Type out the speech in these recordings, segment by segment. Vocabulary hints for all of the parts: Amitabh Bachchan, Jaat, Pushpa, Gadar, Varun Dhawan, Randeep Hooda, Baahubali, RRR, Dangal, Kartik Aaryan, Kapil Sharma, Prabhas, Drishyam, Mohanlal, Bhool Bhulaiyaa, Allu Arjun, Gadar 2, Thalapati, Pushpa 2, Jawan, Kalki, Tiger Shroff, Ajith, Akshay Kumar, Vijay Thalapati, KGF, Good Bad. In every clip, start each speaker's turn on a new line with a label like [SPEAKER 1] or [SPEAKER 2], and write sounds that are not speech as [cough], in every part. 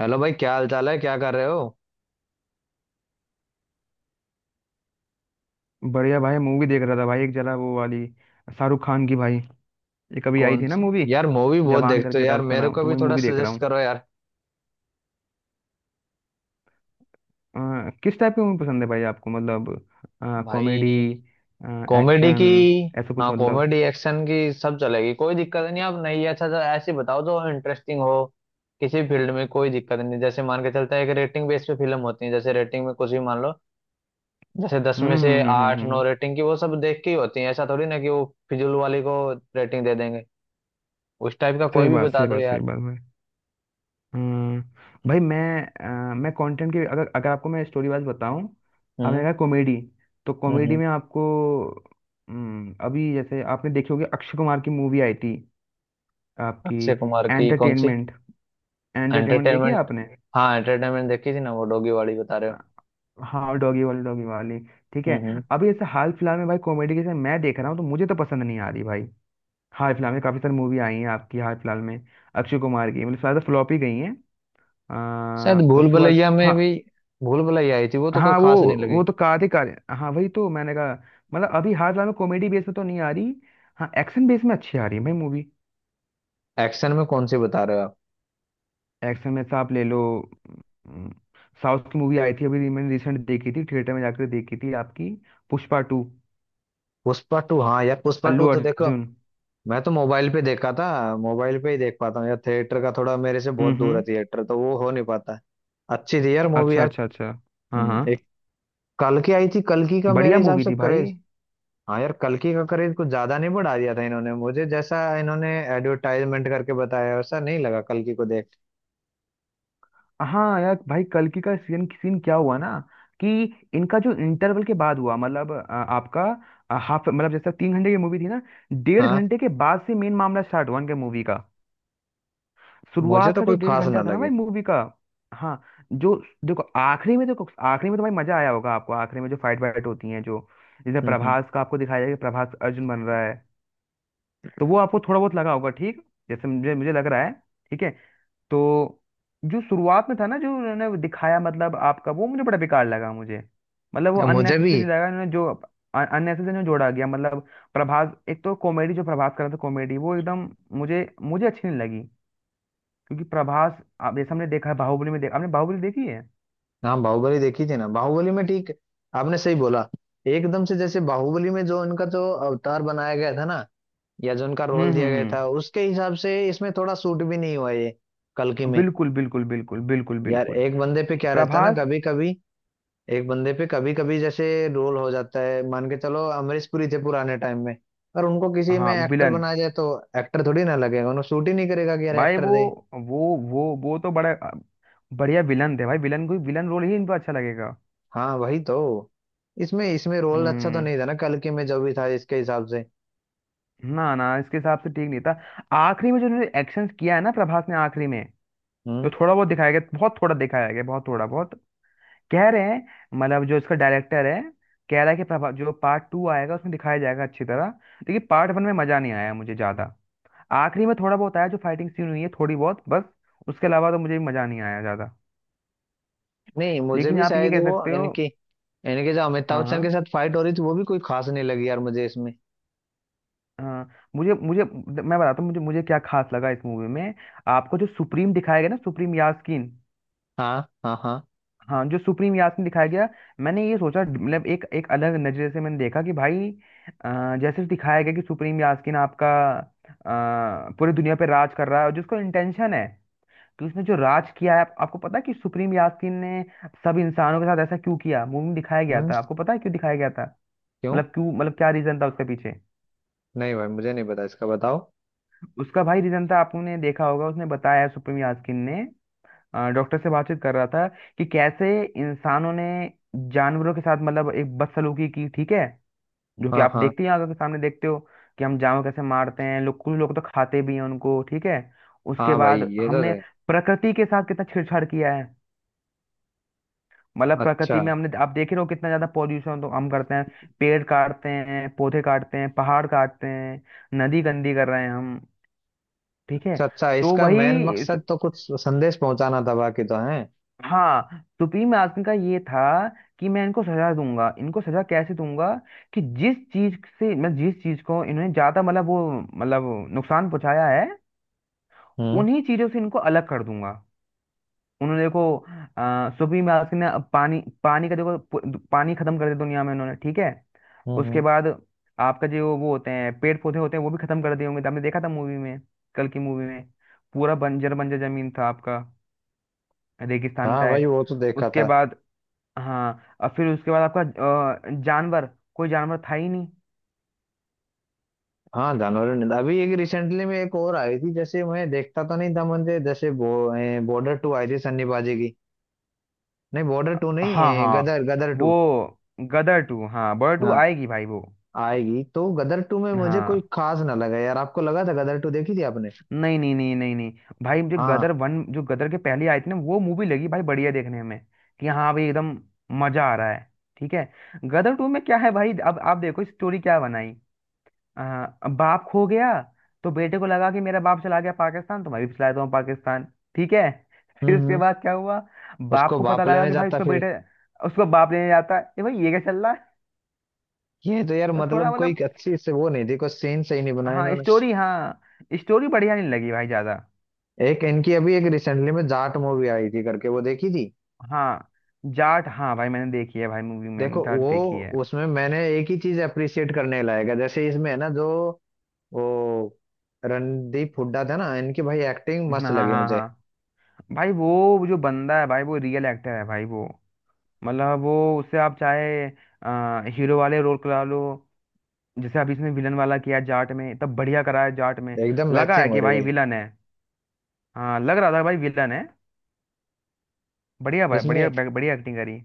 [SPEAKER 1] Hello भाई, क्या हाल चाल है? क्या कर रहे हो?
[SPEAKER 2] बढ़िया भाई, मूवी देख रहा था भाई। एक जरा वो वाली शाहरुख खान की भाई, ये कभी आई
[SPEAKER 1] कौन
[SPEAKER 2] थी ना
[SPEAKER 1] सी
[SPEAKER 2] मूवी,
[SPEAKER 1] यार? मूवी बहुत
[SPEAKER 2] जवान
[SPEAKER 1] देखते हो
[SPEAKER 2] करके था
[SPEAKER 1] यार,
[SPEAKER 2] उसका
[SPEAKER 1] मेरे
[SPEAKER 2] नाम,
[SPEAKER 1] को
[SPEAKER 2] तो
[SPEAKER 1] भी
[SPEAKER 2] वही
[SPEAKER 1] थोड़ा
[SPEAKER 2] मूवी देख रहा
[SPEAKER 1] सजेस्ट
[SPEAKER 2] हूँ।
[SPEAKER 1] करो यार।
[SPEAKER 2] किस टाइप की मूवी पसंद है भाई आपको? मतलब कॉमेडी,
[SPEAKER 1] भाई, कॉमेडी की।
[SPEAKER 2] एक्शन, ऐसा कुछ,
[SPEAKER 1] हाँ,
[SPEAKER 2] मतलब...
[SPEAKER 1] कॉमेडी एक्शन की सब चलेगी, कोई दिक्कत नहीं। आप नहीं, अच्छा, तो ऐसी बताओ जो इंटरेस्टिंग हो। किसी फील्ड में कोई दिक्कत नहीं। जैसे मान के चलता है कि रेटिंग बेस पे फिल्म होती है, जैसे रेटिंग में कुछ भी मान लो। जैसे 10 में
[SPEAKER 2] हम्म,
[SPEAKER 1] से
[SPEAKER 2] हम्म, हम्म, हम्म,
[SPEAKER 1] आठ नौ रेटिंग की, वो सब देख के ही होती है। ऐसा थोड़ी ना कि वो फिजूल वाली को रेटिंग दे देंगे। उस टाइप का
[SPEAKER 2] सही
[SPEAKER 1] कोई भी
[SPEAKER 2] बात,
[SPEAKER 1] बता
[SPEAKER 2] सही
[SPEAKER 1] दो
[SPEAKER 2] बात, सही
[SPEAKER 1] यार।
[SPEAKER 2] बात भाई। अ, भाई मैं कंटेंट की अगर अगर आपको मैं स्टोरी वाइज बताऊं। आपने
[SPEAKER 1] हम्म,
[SPEAKER 2] कहा कॉमेडी, तो
[SPEAKER 1] हम्म,
[SPEAKER 2] कॉमेडी में आपको... अभी जैसे आपने देखी होगी अक्षय कुमार की मूवी आई थी आपकी।
[SPEAKER 1] अक्षय कुमार की कौन सी?
[SPEAKER 2] एंटरटेनमेंट, एंटरटेनमेंट देखी है
[SPEAKER 1] एंटरटेनमेंट?
[SPEAKER 2] आपने?
[SPEAKER 1] हाँ, एंटरटेनमेंट देखी थी ना, वो डॉगी वाली बता रहे
[SPEAKER 2] अ,
[SPEAKER 1] हो?
[SPEAKER 2] हाँ, डॉगी वाली, डॉगी वाली, ठीक
[SPEAKER 1] हम्म
[SPEAKER 2] है।
[SPEAKER 1] हम्म
[SPEAKER 2] अभी ऐसे हाल फिलहाल में भाई कॉमेडी के जैसे मैं देख रहा हूँ तो मुझे तो पसंद नहीं आ रही भाई। हाल फिलहाल में काफी सारी मूवी आई हैं आपकी, हाल फिलहाल में अक्षय कुमार की, मतलब ज्यादा फ्लॉप ही गई हैं।
[SPEAKER 1] शायद भूल
[SPEAKER 2] उसके बाद,
[SPEAKER 1] भुलैया में
[SPEAKER 2] हाँ।
[SPEAKER 1] भी, भूल भुलैया आई थी वो तो कोई
[SPEAKER 2] हाँ वो
[SPEAKER 1] खास नहीं लगी।
[SPEAKER 2] वो तो कार्तिक आर्यन, हाँ वही तो मैंने कहा। मतलब अभी हाल फिलहाल में कॉमेडी बेस में तो नहीं आ रही। हाँ, एक्शन बेस में अच्छी आ रही है भाई मूवी।
[SPEAKER 1] एक्शन में कौन सी बता रहे हो आप?
[SPEAKER 2] एक्शन में तो आप ले लो, साउथ की मूवी आई थी अभी, मैंने रिसेंट देखी थी थिएटर में जाकर, देखी थी आपकी, पुष्पा टू,
[SPEAKER 1] पुष्पा टू, हाँ यार पुष्पा टू
[SPEAKER 2] अल्लू
[SPEAKER 1] तो देखो।
[SPEAKER 2] अर्जुन।
[SPEAKER 1] मैं तो मोबाइल पे देखा था। मोबाइल पे ही देख पाता हूँ यार, थिएटर का थोड़ा मेरे से बहुत दूर है,
[SPEAKER 2] हम्म।
[SPEAKER 1] थिएटर तो वो हो नहीं पाता है। अच्छी थी यार मूवी
[SPEAKER 2] अच्छा,
[SPEAKER 1] यार।
[SPEAKER 2] अच्छा, अच्छा। हाँ, हाँ।
[SPEAKER 1] एक कल की आई थी, कल की का मेरे
[SPEAKER 2] बढ़िया
[SPEAKER 1] हिसाब
[SPEAKER 2] मूवी
[SPEAKER 1] से
[SPEAKER 2] थी भाई।
[SPEAKER 1] करेज। हाँ यार, कल की का करेज कुछ ज्यादा नहीं, बढ़ा दिया था इन्होंने मुझे, जैसा इन्होंने एडवर्टाइजमेंट करके बताया वैसा नहीं लगा कल की को देख।
[SPEAKER 2] हाँ यार भाई, कल की का सीन, सीन क्या हुआ ना कि इनका जो इंटरवल के बाद हुआ, मतलब आपका हाफ, मतलब जैसा 3 घंटे की मूवी थी ना, डेढ़
[SPEAKER 1] हाँ,
[SPEAKER 2] घंटे के बाद से मेन मामला स्टार्ट हुआ इनके मूवी का।
[SPEAKER 1] मुझे
[SPEAKER 2] शुरुआत
[SPEAKER 1] तो
[SPEAKER 2] का जो
[SPEAKER 1] कोई
[SPEAKER 2] डेढ़
[SPEAKER 1] खास
[SPEAKER 2] घंटा
[SPEAKER 1] ना
[SPEAKER 2] था ना भाई
[SPEAKER 1] लगी।
[SPEAKER 2] मूवी का। हाँ, जो... देखो आखिरी में, देखो आखिरी में तो भाई मजा आया होगा आपको, आखिरी में जो फाइट वाइट होती है, जो जिसमें
[SPEAKER 1] हम्म
[SPEAKER 2] प्रभास का आपको दिखाया जाएगा कि प्रभास अर्जुन बन रहा है, तो वो आपको थोड़ा बहुत लगा होगा, ठीक, जैसे मुझे मुझे लग रहा है। ठीक है। तो जो शुरुआत में था ना, जो उन्होंने दिखाया मतलब आपका, वो मुझे बड़ा बेकार लगा मुझे। मतलब वो
[SPEAKER 1] मुझे भी।
[SPEAKER 2] अननेसेसरी लगा, उन्होंने जो अननेसेसरी में जोड़ा गया मतलब। प्रभास एक तो कॉमेडी, जो प्रभास कर रहा था कॉमेडी, वो एकदम मुझे मुझे अच्छी नहीं लगी। क्योंकि प्रभास, आप जैसे हमने देखा है बाहुबली में देखा, आपने बाहुबली देखी है?
[SPEAKER 1] हाँ, बाहुबली देखी थी ना, बाहुबली में ठीक। आपने सही बोला। एकदम से जैसे बाहुबली में जो उनका जो अवतार बनाया गया था ना, या जो उनका
[SPEAKER 2] हम्म,
[SPEAKER 1] रोल दिया
[SPEAKER 2] हम्म,
[SPEAKER 1] गया
[SPEAKER 2] हम्म।
[SPEAKER 1] था, उसके हिसाब से इसमें थोड़ा सूट भी नहीं हुआ ये कल्कि में।
[SPEAKER 2] बिल्कुल, बिल्कुल, बिल्कुल, बिल्कुल,
[SPEAKER 1] यार
[SPEAKER 2] बिल्कुल।
[SPEAKER 1] एक बंदे पे क्या रहता है ना
[SPEAKER 2] प्रभास।
[SPEAKER 1] कभी कभी। एक बंदे पे कभी कभी जैसे रोल हो जाता है, मान के चलो अमरीश पुरी थे पुराने टाइम में, पर उनको किसी में
[SPEAKER 2] हाँ
[SPEAKER 1] एक्टर
[SPEAKER 2] विलन।
[SPEAKER 1] बनाया जाए तो एक्टर थोड़ी ना लगेगा, उन्हें सूट ही नहीं करेगा कि यार
[SPEAKER 2] भाई
[SPEAKER 1] एक्टर।
[SPEAKER 2] वो तो बड़ा बढ़िया विलन थे भाई, विलन, कोई विलन रोल ही इनको अच्छा लगेगा।
[SPEAKER 1] हाँ वही तो, इसमें इसमें रोल अच्छा तो
[SPEAKER 2] हम्म।
[SPEAKER 1] नहीं था ना, कल के में जो भी था इसके हिसाब से।
[SPEAKER 2] ना ना इसके हिसाब से ठीक नहीं था। आखिरी में जो उन्होंने एक्शन किया है ना प्रभास ने आखिरी में,
[SPEAKER 1] हम्म।
[SPEAKER 2] तो थोड़ा बहुत दिखाया गया, बहुत थोड़ा दिखाया गया, बहुत थोड़ा, बहुत... कह रहे हैं मतलब, जो इसका डायरेक्टर है कह रहा है कि जो पार्ट टू आएगा उसमें दिखाया जाएगा अच्छी तरह। लेकिन पार्ट वन में मजा नहीं आया मुझे ज्यादा। आखिरी में थोड़ा बहुत आया, जो फाइटिंग सीन हुई है थोड़ी बहुत बस, उसके अलावा तो मुझे मजा नहीं आया ज्यादा।
[SPEAKER 1] नहीं मुझे
[SPEAKER 2] लेकिन
[SPEAKER 1] भी
[SPEAKER 2] आप ये
[SPEAKER 1] शायद
[SPEAKER 2] कह
[SPEAKER 1] वो
[SPEAKER 2] सकते हो।
[SPEAKER 1] इनकी इनके जो अमिताभ
[SPEAKER 2] हाँ, हाँ,
[SPEAKER 1] बच्चन के साथ फाइट हो रही थी वो भी कोई खास नहीं लगी यार मुझे इसमें।
[SPEAKER 2] हाँ। मुझे मुझे मैं बताता हूँ, मुझे मुझे क्या खास लगा इस मूवी में। आपको जो सुप्रीम दिखाया गया ना, सुप्रीम यास्कीन।
[SPEAKER 1] हाँ, हाँ, हाँ।
[SPEAKER 2] हाँ, जो सुप्रीम यास में दिखाया गया, मैंने ये सोचा मतलब एक एक अलग नजरिए से मैंने देखा कि भाई जैसे दिखाया गया कि सुप्रीम यास्किन आपका, पूरी दुनिया पे राज कर रहा है और जिसको इंटेंशन है कि उसने जो राज किया है, आपको पता है कि सुप्रीम यास्किन ने सब इंसानों के साथ ऐसा क्यों किया मूवी में दिखाया गया
[SPEAKER 1] हम्म
[SPEAKER 2] था, आपको पता है क्यों दिखाया गया था?
[SPEAKER 1] क्यों?
[SPEAKER 2] मतलब क्यों? मतलब क्या रीजन था उसके पीछे।
[SPEAKER 1] नहीं भाई, मुझे नहीं पता, इसका बताओ।
[SPEAKER 2] उसका भाई रीजन था, आपने देखा होगा, उसने बताया सुप्रीम यास्किन ने, डॉक्टर से बातचीत कर रहा था कि कैसे इंसानों ने जानवरों के साथ मतलब एक बदसलूकी की, ठीक है, जो कि
[SPEAKER 1] हाँ,
[SPEAKER 2] आप
[SPEAKER 1] हाँ,
[SPEAKER 2] देखते ही आंखों के सामने देखते हो कि हम जानवर कैसे मारते हैं, लोग, कुछ लोग तो खाते भी हैं उनको, ठीक है। उसके
[SPEAKER 1] हाँ भाई,
[SPEAKER 2] बाद
[SPEAKER 1] ये तो
[SPEAKER 2] हमने
[SPEAKER 1] है।
[SPEAKER 2] प्रकृति के साथ कितना छेड़छाड़ किया है, मतलब प्रकृति
[SPEAKER 1] अच्छा,
[SPEAKER 2] में हमने, आप देख ही रहे हो कितना ज्यादा पॉल्यूशन तो हम करते हैं, पेड़ काटते हैं, पौधे काटते हैं, पहाड़ काटते हैं, नदी गंदी कर रहे हैं हम, ठीक है।
[SPEAKER 1] अच्छा, अच्छा,
[SPEAKER 2] तो
[SPEAKER 1] इसका मेन
[SPEAKER 2] वही।
[SPEAKER 1] मकसद तो कुछ संदेश पहुंचाना था, बाकी तो है।
[SPEAKER 2] हाँ, सुप्रीम आदमी का ये था कि मैं इनको सजा दूंगा, इनको सजा कैसे दूंगा, कि जिस चीज से मैं, जिस चीज को इन्होंने ज्यादा मतलब वो मतलब नुकसान पहुंचाया है,
[SPEAKER 1] हम्म,
[SPEAKER 2] उन्हीं चीजों से इनको अलग कर दूंगा। उन्होंने देखो, सुप्रीम आदमी ने अब पानी, पानी का, देखो, पानी खत्म कर दिया दुनिया में उन्होंने, ठीक है।
[SPEAKER 1] हम्म,
[SPEAKER 2] उसके बाद आपका, जो वो होते हैं पेड़ पौधे होते हैं, वो भी खत्म कर दिए होंगे, आपने देखा था मूवी में, कल की मूवी में, पूरा बंजर बंजर जमीन था आपका, रेगिस्तान
[SPEAKER 1] हाँ भाई,
[SPEAKER 2] टाइप।
[SPEAKER 1] वो तो देखा
[SPEAKER 2] उसके
[SPEAKER 1] था।
[SPEAKER 2] बाद, हाँ, और फिर उसके बाद आपका जानवर, कोई जानवर था ही नहीं।
[SPEAKER 1] हाँ जानवरों ने, अभी एक रिसेंटली में एक और आई थी, जैसे मैं देखता तो नहीं था मुझे जैसे बॉर्डर टू आई थी सन्नीबाजी की। नहीं बॉर्डर टू नहीं,
[SPEAKER 2] हाँ
[SPEAKER 1] ए,
[SPEAKER 2] हाँ
[SPEAKER 1] गदर गदर
[SPEAKER 2] वो
[SPEAKER 1] टू।
[SPEAKER 2] गदर टू, हाँ बर्ड टू
[SPEAKER 1] हाँ,
[SPEAKER 2] आएगी भाई वो।
[SPEAKER 1] आएगी तो गदर टू में मुझे कोई
[SPEAKER 2] हाँ।
[SPEAKER 1] खास ना लगा यार, आपको लगा था? गदर टू देखी थी आपने?
[SPEAKER 2] नहीं, नहीं, नहीं, नहीं, नहीं, भाई जो
[SPEAKER 1] हाँ।
[SPEAKER 2] गदर वन, जो गदर के पहले आई थी ना, वो मूवी लगी भाई बढ़िया, देखने में कि हाँ भाई एकदम मजा आ रहा है, ठीक है। गदर टू में क्या है भाई, अब आप देखो स्टोरी क्या बनाई। अब बाप खो गया, तो बेटे को लगा कि मेरा बाप चला गया पाकिस्तान, तो मैं भी चला जाता हूँ पाकिस्तान, ठीक है। [laughs]
[SPEAKER 1] हम्म
[SPEAKER 2] फिर उसके
[SPEAKER 1] हम्म
[SPEAKER 2] बाद क्या हुआ, बाप
[SPEAKER 1] उसको
[SPEAKER 2] को पता
[SPEAKER 1] बाप
[SPEAKER 2] लगा
[SPEAKER 1] लेने
[SPEAKER 2] कि भाई
[SPEAKER 1] जाता
[SPEAKER 2] उसका
[SPEAKER 1] फिर।
[SPEAKER 2] बेटे, उसको बाप लेने जाता है, ये भाई ये क्या चल रहा है।
[SPEAKER 1] ये तो यार
[SPEAKER 2] तो थोड़ा
[SPEAKER 1] मतलब कोई
[SPEAKER 2] मतलब,
[SPEAKER 1] अच्छी से वो नहीं थी, कोई सीन सही नहीं बनाया
[SPEAKER 2] हाँ
[SPEAKER 1] इन्होंने।
[SPEAKER 2] स्टोरी, हाँ स्टोरी बढ़िया नहीं लगी भाई ज्यादा।
[SPEAKER 1] एक इनकी अभी एक रिसेंटली में जाट मूवी आई थी करके, वो देखी थी।
[SPEAKER 2] हाँ जाट, हाँ भाई मैंने देखी है भाई मूवी, मैंने
[SPEAKER 1] देखो
[SPEAKER 2] जाट
[SPEAKER 1] वो,
[SPEAKER 2] देखी है।
[SPEAKER 1] उसमें मैंने एक ही चीज अप्रिशिएट करने लायक है जैसे इसमें है ना जो, वो रणदीप हुड्डा था ना, इनकी भाई एक्टिंग मस्त
[SPEAKER 2] हाँ, हाँ,
[SPEAKER 1] लगी
[SPEAKER 2] हाँ,
[SPEAKER 1] मुझे।
[SPEAKER 2] हाँ। भाई वो जो बंदा है भाई, वो रियल एक्टर है भाई वो, मतलब वो, उससे आप चाहे हीरो वाले रोल करा लो, जैसे अभी इसने विलन वाला किया जाट में, तब बढ़िया करा है जाट में,
[SPEAKER 1] एकदम
[SPEAKER 2] लगा है
[SPEAKER 1] मैचिंग हो
[SPEAKER 2] कि
[SPEAKER 1] रही
[SPEAKER 2] भाई
[SPEAKER 1] भाई।
[SPEAKER 2] विलन है। हाँ, लग रहा था भाई विलन है, बढ़िया भाई, बढ़िया
[SPEAKER 1] इसमें।
[SPEAKER 2] बढ़िया एक्टिंग करी।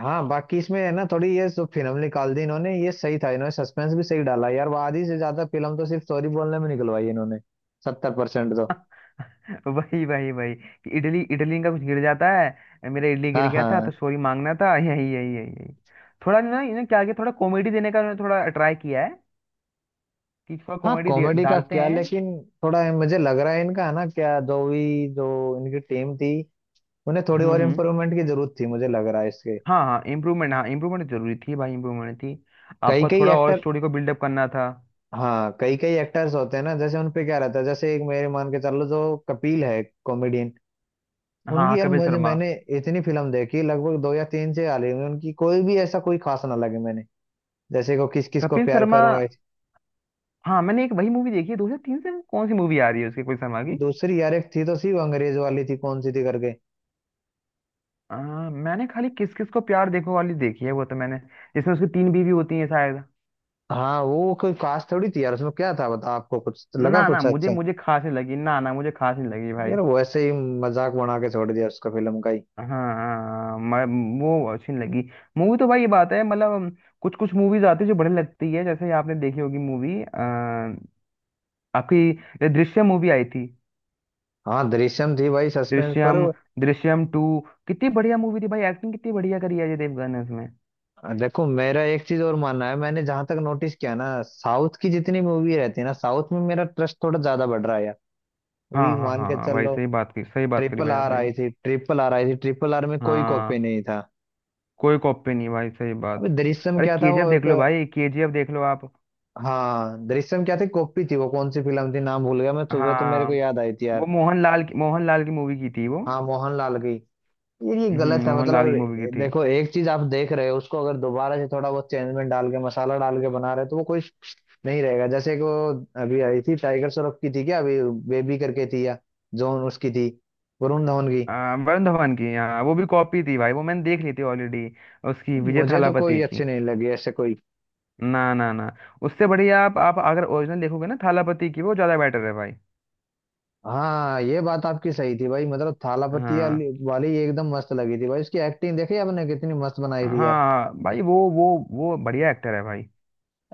[SPEAKER 1] हाँ बाकी इसमें है ना थोड़ी, ये जो फिल्म निकाल दी इन्होंने ये सही था, इन्होंने सस्पेंस भी सही डाला यार, वो आधी से ज्यादा फिल्म तो सिर्फ स्टोरी बोलने में निकलवाई इन्होंने। 70% तो।
[SPEAKER 2] [laughs] वही, वही, वही कि इडली, इडली का कुछ गिर जाता है, मेरा इडली गिर
[SPEAKER 1] हाँ,
[SPEAKER 2] गया था
[SPEAKER 1] हाँ,
[SPEAKER 2] तो सॉरी मांगना था। [laughs] यही, यही, यही, यही। थोड़ा ना इन्हें क्या किया, थोड़ा कॉमेडी देने का इन्होंने थोड़ा ट्राई किया है कि थोड़ा
[SPEAKER 1] हाँ,
[SPEAKER 2] कॉमेडी
[SPEAKER 1] कॉमेडी का
[SPEAKER 2] डालते
[SPEAKER 1] क्या
[SPEAKER 2] हैं।
[SPEAKER 1] लेकिन। थोड़ा मुझे लग रहा है इनका है ना, क्या जो भी जो इनकी टीम थी, उन्हें थोड़ी
[SPEAKER 2] हम्म,
[SPEAKER 1] और
[SPEAKER 2] हम्म।
[SPEAKER 1] इम्प्रूवमेंट की जरूरत थी मुझे लग रहा है इसके।
[SPEAKER 2] हाँ हाँ इम्प्रूवमेंट, हाँ इम्प्रूवमेंट जरूरी थी भाई, इम्प्रूवमेंट थी,
[SPEAKER 1] कई
[SPEAKER 2] आपका
[SPEAKER 1] कई
[SPEAKER 2] थोड़ा और
[SPEAKER 1] एक्टर।
[SPEAKER 2] स्टोरी को बिल्डअप करना था।
[SPEAKER 1] हाँ, कई कई एक्टर्स होते हैं ना जैसे उनपे क्या रहता है, जैसे एक मेरे मान के चल लो जो कपिल है, कॉमेडियन।
[SPEAKER 2] हाँ हाँ,
[SPEAKER 1] उनकी यार
[SPEAKER 2] कपिल
[SPEAKER 1] मुझे,
[SPEAKER 2] शर्मा।
[SPEAKER 1] मैंने इतनी फिल्म देखी, लगभग दो या तीन से आ रही होंगी उनकी, कोई भी ऐसा कोई खास ना लगे मैंने। जैसे को किस किस को
[SPEAKER 2] कपिल
[SPEAKER 1] प्यार
[SPEAKER 2] शर्मा,
[SPEAKER 1] करूंगा ऐसी।
[SPEAKER 2] हाँ मैंने एक वही मूवी देखी है 2003 से, वो कौन सी मूवी आ रही है उसकी, कोई शर्मा की...
[SPEAKER 1] दूसरी यार, एक थी तो सी वो अंग्रेज वाली थी, कौन सी थी करके।
[SPEAKER 2] आ, मैंने खाली किस किस को प्यार देखो वाली देखी है वो, तो मैंने, जिसमें उसकी तीन बीवी होती है शायद।
[SPEAKER 1] हाँ, वो कोई खास थोड़ी थी यार, उसमें क्या था बता, आपको कुछ लगा
[SPEAKER 2] ना ना
[SPEAKER 1] कुछ
[SPEAKER 2] मुझे,
[SPEAKER 1] अच्छा?
[SPEAKER 2] मुझे खास नहीं लगी, ना ना मुझे खास नहीं लगी भाई।
[SPEAKER 1] यार वो ऐसे ही मजाक बना के छोड़ दिया उसका, फिल्म का ही।
[SPEAKER 2] हाँ हाँ, मैं, वो अच्छी नहीं लगी मूवी। तो भाई ये बात है मतलब, कुछ कुछ मूवीज आती है जो बढ़िया लगती है, जैसे आपने देखी होगी मूवी आपकी, ये दृश्यम मूवी आई थी,
[SPEAKER 1] हाँ, दृश्यम थी भाई, सस्पेंस पर।
[SPEAKER 2] दृश्यम, दृश्यम टू, कितनी बढ़िया मूवी थी भाई, एक्टिंग कितनी बढ़िया करी है अजय देवगन ने उसमें।
[SPEAKER 1] देखो, मेरा एक चीज और मानना है, मैंने जहां तक नोटिस किया ना, साउथ की जितनी मूवी रहती है ना, साउथ में मेरा ट्रस्ट थोड़ा ज्यादा बढ़ रहा है यार।
[SPEAKER 2] हाँ,
[SPEAKER 1] अभी
[SPEAKER 2] हाँ,
[SPEAKER 1] मान
[SPEAKER 2] हाँ,
[SPEAKER 1] के
[SPEAKER 2] हाँ
[SPEAKER 1] चल
[SPEAKER 2] भाई,
[SPEAKER 1] लो,
[SPEAKER 2] सही बात की, सही बात करी भाई आपने।
[SPEAKER 1] ट्रिपल आर आई थी, ट्रिपल आर में कोई कॉपी
[SPEAKER 2] हाँ,
[SPEAKER 1] नहीं था।
[SPEAKER 2] कोई कॉपी नहीं भाई, सही
[SPEAKER 1] अबे
[SPEAKER 2] बात।
[SPEAKER 1] दृश्यम
[SPEAKER 2] अरे
[SPEAKER 1] क्या था
[SPEAKER 2] केजीएफ
[SPEAKER 1] वो
[SPEAKER 2] देख
[SPEAKER 1] एक।
[SPEAKER 2] लो भाई, केजीएफ देख लो आप।
[SPEAKER 1] हाँ, दृश्यम क्या थी? कॉपी थी वो, कौन सी फिल्म थी नाम भूल गया मैं, सुबह तो मेरे
[SPEAKER 2] हाँ
[SPEAKER 1] को याद आई थी
[SPEAKER 2] वो
[SPEAKER 1] यार।
[SPEAKER 2] मोहनलाल की, मोहनलाल की मूवी की थी वो।
[SPEAKER 1] हाँ, मोहनलाल की। यार ये
[SPEAKER 2] हम्म,
[SPEAKER 1] गलत है मतलब,
[SPEAKER 2] मोहनलाल की मूवी की थी।
[SPEAKER 1] देखो एक चीज, आप देख रहे हो उसको अगर दोबारा से थोड़ा बहुत चेंज में डाल के मसाला डाल के बना रहे हो, तो वो कोई नहीं रहेगा। जैसे कि वो अभी आई थी टाइगर श्रॉफ की थी क्या अभी, बेबी करके थी या जोन, उसकी थी वरुण धवन की।
[SPEAKER 2] वरुण धवन की, हाँ वो भी कॉपी थी भाई, वो मैंने देख ली थी ऑलरेडी, उसकी विजय
[SPEAKER 1] मुझे तो
[SPEAKER 2] थालापति
[SPEAKER 1] कोई
[SPEAKER 2] की।
[SPEAKER 1] अच्छी नहीं लगी, ऐसे कोई।
[SPEAKER 2] ना, ना, ना, उससे बढ़िया, आप अगर ओरिजिनल देखोगे ना थालापति की, वो ज़्यादा बेटर है भाई।
[SPEAKER 1] हाँ ये बात आपकी सही थी भाई, मतलब थालापति
[SPEAKER 2] हाँ
[SPEAKER 1] वाली वाली एकदम मस्त लगी थी भाई, उसकी एक्टिंग देखी आपने कितनी मस्त बनाई थी यार।
[SPEAKER 2] हाँ भाई, वो बढ़िया एक्टर है भाई,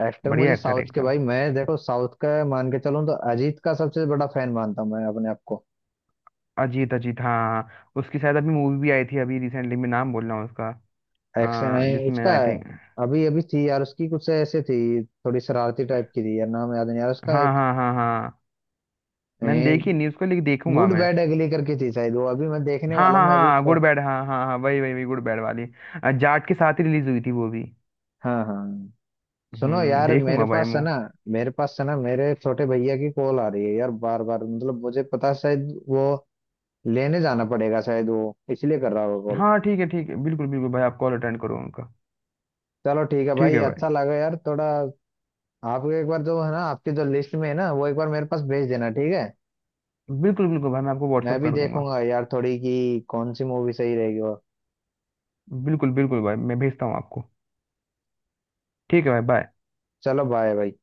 [SPEAKER 1] एक्टर
[SPEAKER 2] बढ़िया
[SPEAKER 1] मुझे
[SPEAKER 2] एक्टर
[SPEAKER 1] साउथ
[SPEAKER 2] है
[SPEAKER 1] के
[SPEAKER 2] एकदम।
[SPEAKER 1] भाई, मैं देखो साउथ का मान के चलूं तो अजीत का सबसे बड़ा फैन मानता हूं मैं अपने आप को।
[SPEAKER 2] अजीत, अजीत, हाँ। हाँ उसकी शायद अभी मूवी भी आई थी अभी रिसेंटली, मैं नाम बोल रहा हूँ उसका।
[SPEAKER 1] एक्शन
[SPEAKER 2] हाँ,
[SPEAKER 1] है
[SPEAKER 2] जिसमें
[SPEAKER 1] इसका
[SPEAKER 2] आई
[SPEAKER 1] है।
[SPEAKER 2] थिंक...
[SPEAKER 1] अभी अभी थी यार उसकी कुछ ऐसे थी, थोड़ी शरारती टाइप की थी यार, नाम याद नहीं यार उसका
[SPEAKER 2] हाँ,
[SPEAKER 1] एक।
[SPEAKER 2] हाँ, हाँ, हाँ, मैंने देखी नहीं उसको लेकिन देखूंगा
[SPEAKER 1] गुड
[SPEAKER 2] मैं।
[SPEAKER 1] बैड अगली करके थी शायद वो, अभी मैं देखने
[SPEAKER 2] हाँ,
[SPEAKER 1] वाला
[SPEAKER 2] हाँ,
[SPEAKER 1] हूँ मैं अभी
[SPEAKER 2] हाँ,
[SPEAKER 1] उसको।
[SPEAKER 2] गुड बैड, हाँ, हाँ, हाँ, वही, वही, वही, गुड बैड वाली, जाट के साथ ही रिलीज हुई थी वो भी।
[SPEAKER 1] हाँ, हाँ, हाँ। सुनो यार, मेरे
[SPEAKER 2] देखूंगा भाई
[SPEAKER 1] पास है
[SPEAKER 2] मो...
[SPEAKER 1] ना मेरे पास है ना मेरे छोटे भैया की कॉल आ रही है यार बार बार, मतलब मुझे पता है शायद वो लेने जाना पड़ेगा, शायद वो इसलिए कर रहा होगा कॉल।
[SPEAKER 2] हाँ ठीक है, ठीक है, बिल्कुल, बिल्कुल भाई, आप कॉल अटेंड करो उनका।
[SPEAKER 1] चलो ठीक है
[SPEAKER 2] ठीक
[SPEAKER 1] भाई,
[SPEAKER 2] है भाई।
[SPEAKER 1] अच्छा लगा यार थोड़ा। आप एक बार जो है ना, आपकी जो लिस्ट में है ना वो एक बार मेरे पास भेज देना, ठीक है?
[SPEAKER 2] बिल्कुल, बिल्कुल भाई, मैं आपको
[SPEAKER 1] मैं
[SPEAKER 2] व्हाट्सएप
[SPEAKER 1] भी
[SPEAKER 2] कर दूंगा।
[SPEAKER 1] देखूंगा यार थोड़ी कि कौन सी मूवी सही रहेगी, और
[SPEAKER 2] बिल्कुल, बिल्कुल भाई, मैं भेजता हूँ आपको। ठीक है भाई, बाय।
[SPEAKER 1] चलो बाय भाई।